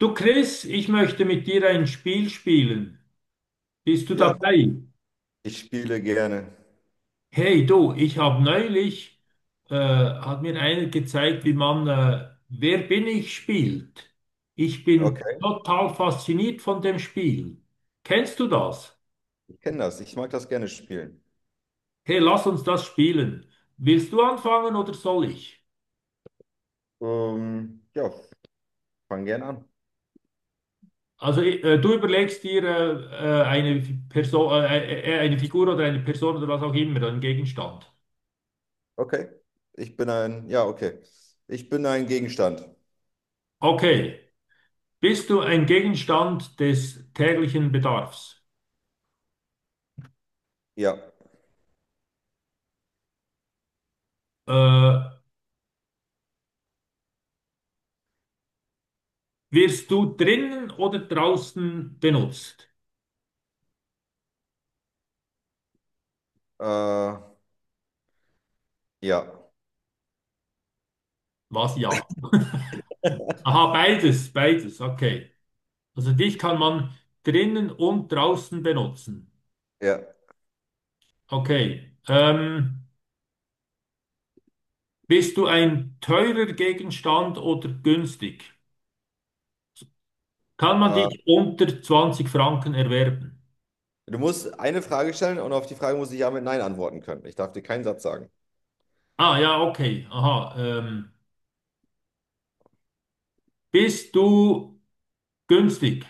Du Chris, ich möchte mit dir ein Spiel spielen. Bist du Ja, dabei? ich spiele gerne. Hey du, ich habe neulich, hat mir einer gezeigt, wie man Wer bin ich spielt. Ich bin Okay, total fasziniert von dem Spiel. Kennst du das? ich kenne das. Ich mag das gerne spielen. Hey, lass uns das spielen. Willst du anfangen oder soll ich? Ja, fang gerne an. Also, du überlegst dir eine Person, eine Figur oder eine Person oder was auch immer, einen Gegenstand. Okay. Ich bin ein, ja, okay. Ich bin ein Gegenstand. Okay. Bist du ein Gegenstand des täglichen Bedarfs? Ja. Äh, Wirst du drinnen oder draußen benutzt? Äh, ja. Was ja? Aha, beides, beides, okay. Also dich kann man drinnen und draußen benutzen. Ja. Okay. Bist du ein teurer Gegenstand oder günstig? Kann man Äh, dich unter 20 Franken erwerben? Du musst eine Frage stellen und auf die Frage muss ich ja mit Nein antworten können. Ich darf dir keinen Satz sagen. Ah ja, okay. Aha. Bist du günstig?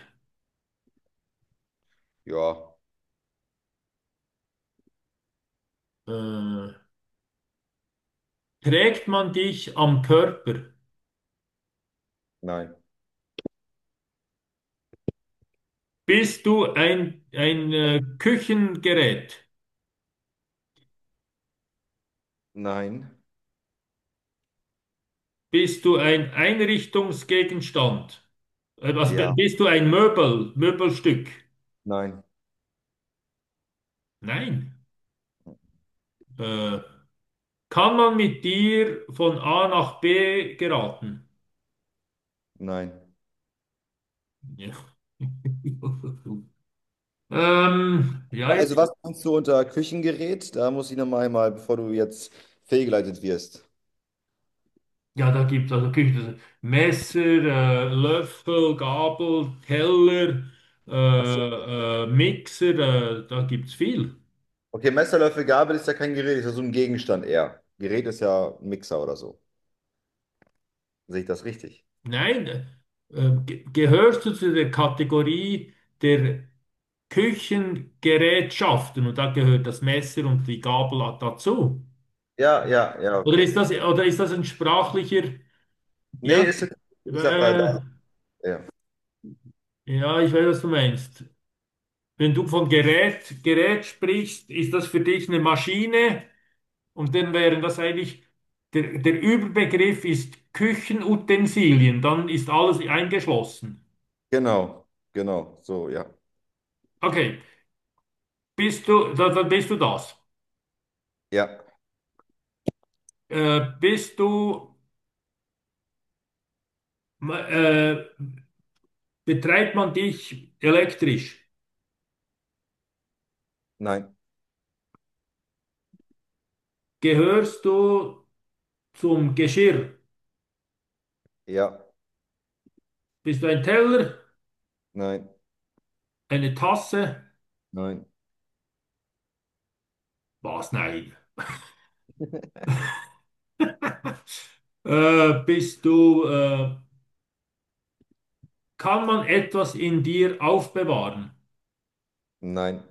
Ja, Äh, Trägt man dich am Körper? nein. Bist du ein Küchengerät? Nein. Bist du ein Einrichtungsgegenstand? Also Ja, bist du ein Möbel, Möbelstück? nein, Nein. Äh, Kann man mit dir von A nach B geraten? nein. Ja. Ähm, ja, Also was meinst du unter Küchengerät? Da muss ich nochmal mal, bevor du jetzt fehlgeleitet wirst. Ja, da gibt es also Küche, Messer, Löffel, Gabel, Teller, Mixer, da gibt es viel. Okay, Messer, Löffel, Gabel ist ja kein Gerät, ist ja so ein Gegenstand eher. Gerät ist ja ein Mixer oder so. Sehe ich das richtig? Nein, gehörst du zu der Kategorie der Küchengerätschaften, und da gehört das Messer und die Gabel dazu? Ja, ja, ja, okay. Oder ist das ein sprachlicher, Nee, ja, ist okay. Ich sag da. äh, Ja. ja, ich weiß, was du meinst. Wenn du von Gerät sprichst, ist das für dich eine Maschine? Und dann wären das eigentlich, der Überbegriff ist Küchenutensilien, dann ist alles eingeschlossen. Genau, genau, so, ja. Okay, bist du, da bist du das. Ja, Äh, bist du, äh, betreibt man dich elektrisch? nein, Gehörst du zum Geschirr? ja, Bist du ein Teller, nein, eine Tasse? nein, Was? Nein. Äh, bist du, äh, kann man etwas in dir aufbewahren? nein.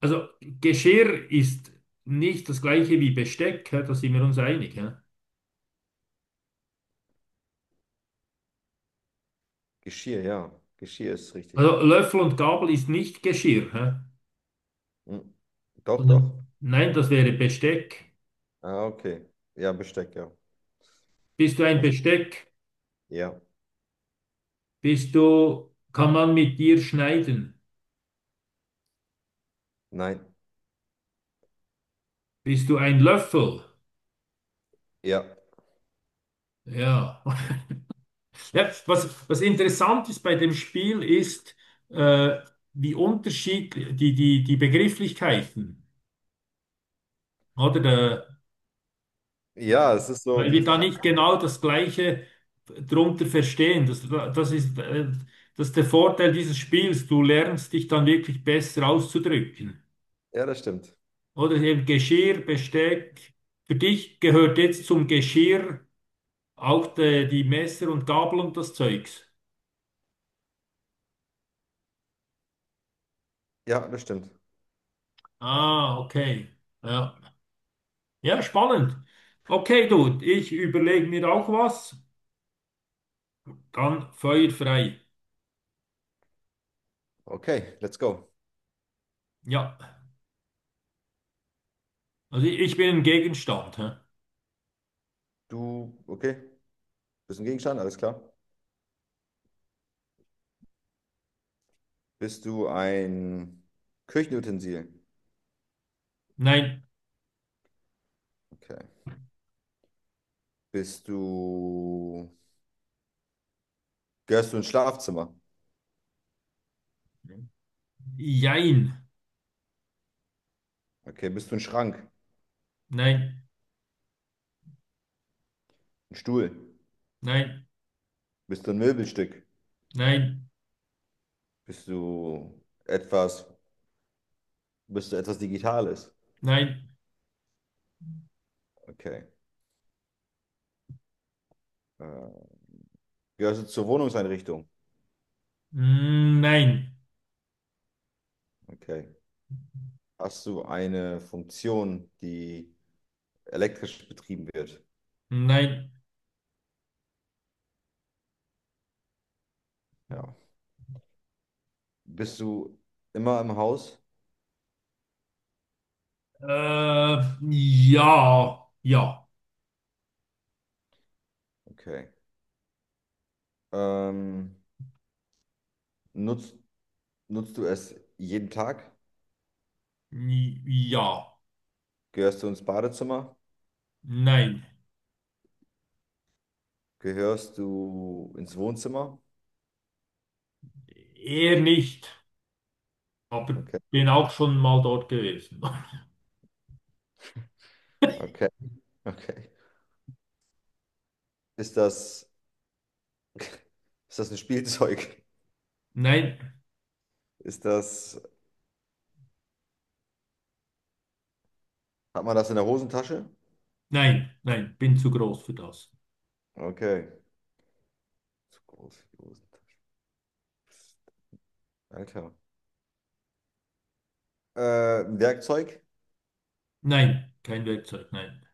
Also Geschirr ist nicht das gleiche wie Besteck, hä? Da sind wir uns einig. Hä? Geschirr, ja. Geschirr ist richtig. Also Löffel und Gabel ist nicht Geschirr. Hä? Hm. Doch, doch. Sondern- nein, das wäre Besteck. Ah, okay. Ja, Besteck, ja. Bist du ein Was? Besteck? Ja, Bist du, kann man mit dir schneiden? nein, Bist du ein Löffel? ja. Ja. Ja, was interessant ist bei dem Spiel ist, äh, wie unterschiedlich die Begrifflichkeiten, oder? Der Ja, es ist so Weil die wir da Frage. nicht genau das Gleiche drunter verstehen. Das ist, das ist der Vorteil dieses Spiels. Du lernst dich dann wirklich besser auszudrücken. Ja, das stimmt. Oder eben Geschirr, Besteck. Für dich gehört jetzt zum Geschirr auch die Messer und Gabel und das Zeugs. Ja, das stimmt. Ah, okay. Ja, ja, spannend. Okay, du, ich überlege mir auch was. Dann feuerfrei. Okay, let's go. Ja, also ich bin ein Gegenstand. Hä? Du, okay. Bist du ein Gegenstand? Alles klar. Bist du ein Küchenutensil? Nein, Okay. Bist du. Gehörst du ins Schlafzimmer? jein. Okay. Bist du ein Schrank? Nein, Ein Stuhl? nein, Bist du ein Möbelstück? nein, Bist du etwas. Bist du etwas Digitales? nein, Okay. Äh, Gehörst du zur Wohnungseinrichtung? Nein, Okay. Hast du eine Funktion, die elektrisch betrieben wird? nein. Ja. Bist du immer im Haus? Äh, ja, ja, Okay. Ähm, nutzt Nutzt du es jeden Tag? Ja, Gehörst du ins Badezimmer? nein. Gehörst du ins Wohnzimmer? Eher nicht, aber Okay, bin auch schon mal dort gewesen. okay, okay. Ist das, ist das ein Spielzeug? Nein, Ist das, hat man das in der Hosentasche? nein, nein, bin zu groß für das. Okay. Zu groß für die Hosentasche. Alter. Ein Werkzeug? Nein, kein Werkzeug, nein.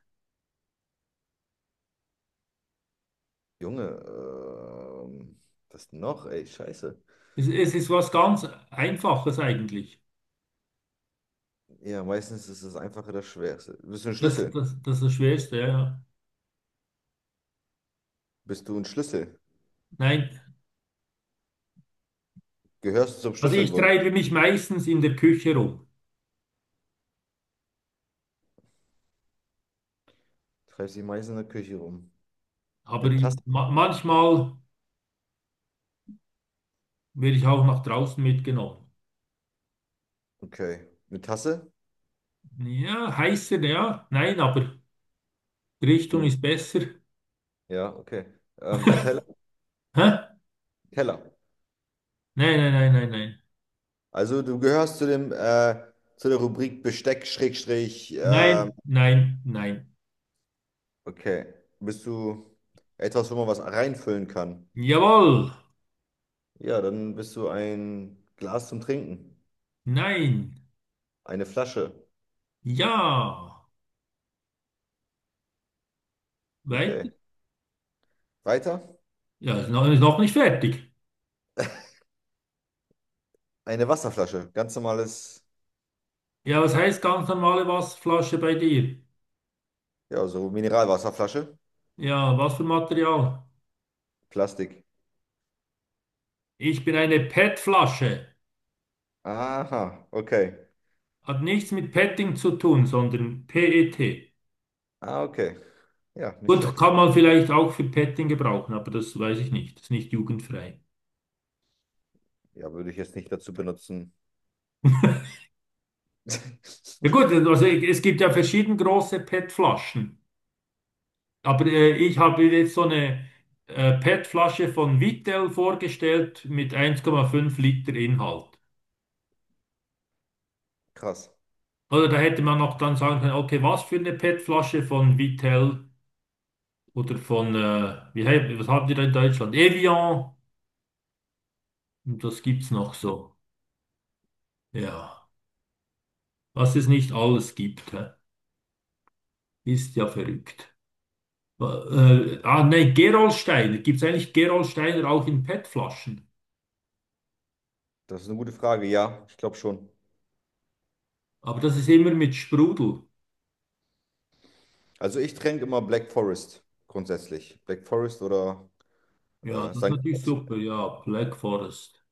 Junge, was noch? Ey, scheiße. Es ist was ganz Einfaches eigentlich. Ja, meistens ist das Einfache das Schwerste. Bist du ein Das, Schlüssel? das, das ist das Schwerste, ja. Ja. Bist du ein Schlüssel? Nein, Gehörst du zum also ich Schlüsselbund? treibe mich meistens in der Küche rum, Treibst dich meistens in der Küche rum. aber Eine ich, Tasse? ma manchmal. Werde ich auch nach draußen mitgenommen. Okay. Eine Tasse? Ja, heißer, ja. Nein, aber die Richtung Ein- ist besser. Ja, okay. Ein Teller? Hä? Teller. Nein, nein, nein, nein, nein. Also du gehörst zu dem, zu der Rubrik Besteck, Schrägstrich, Nein, nein, nein. okay. Bist du etwas, wo man was reinfüllen kann? Jawohl. Ja, dann bist du ein Glas zum Trinken. Nein. Eine Flasche. Ja. Okay. Weiter. Weiter? Ja, ist noch nicht fertig. Eine Wasserflasche. Ganz normales, Ja, was heißt ganz normale Wasserflasche bei dir? ja, so Mineralwasserflasche. Ja, was für Material? Plastik. Ich bin eine PET-Flasche. Aha, okay. Hat nichts mit Petting zu tun, sondern PET. Ah, okay. Ja, nicht Gut, schlecht. kann man vielleicht auch für Petting gebrauchen, aber das weiß ich nicht. Ist nicht jugendfrei. Ja, würde ich jetzt nicht dazu benutzen. Ja gut, also es gibt ja verschieden große PET-Flaschen. Aber ich habe jetzt so eine PET-Flasche von Vittel vorgestellt mit 1,5 Liter Inhalt. Krass. Oder da hätte man noch dann sagen können, okay, was für eine PET-Flasche von Vittel oder von, was habt ihr da in Deutschland? Evian. Und das gibt's noch so. Ja, was es nicht alles gibt, hä? Ist ja verrückt. Nee, Gerolsteiner. Gibt's eigentlich Gerolsteiner auch in PET-Flaschen? Das ist eine gute Frage. Ja, ich glaube schon. Aber das ist immer mit Sprudel. Also ich tränke immer Black Forest grundsätzlich. Black Forest oder Ja, das ist St. natürlich super. Ja, Black Forest.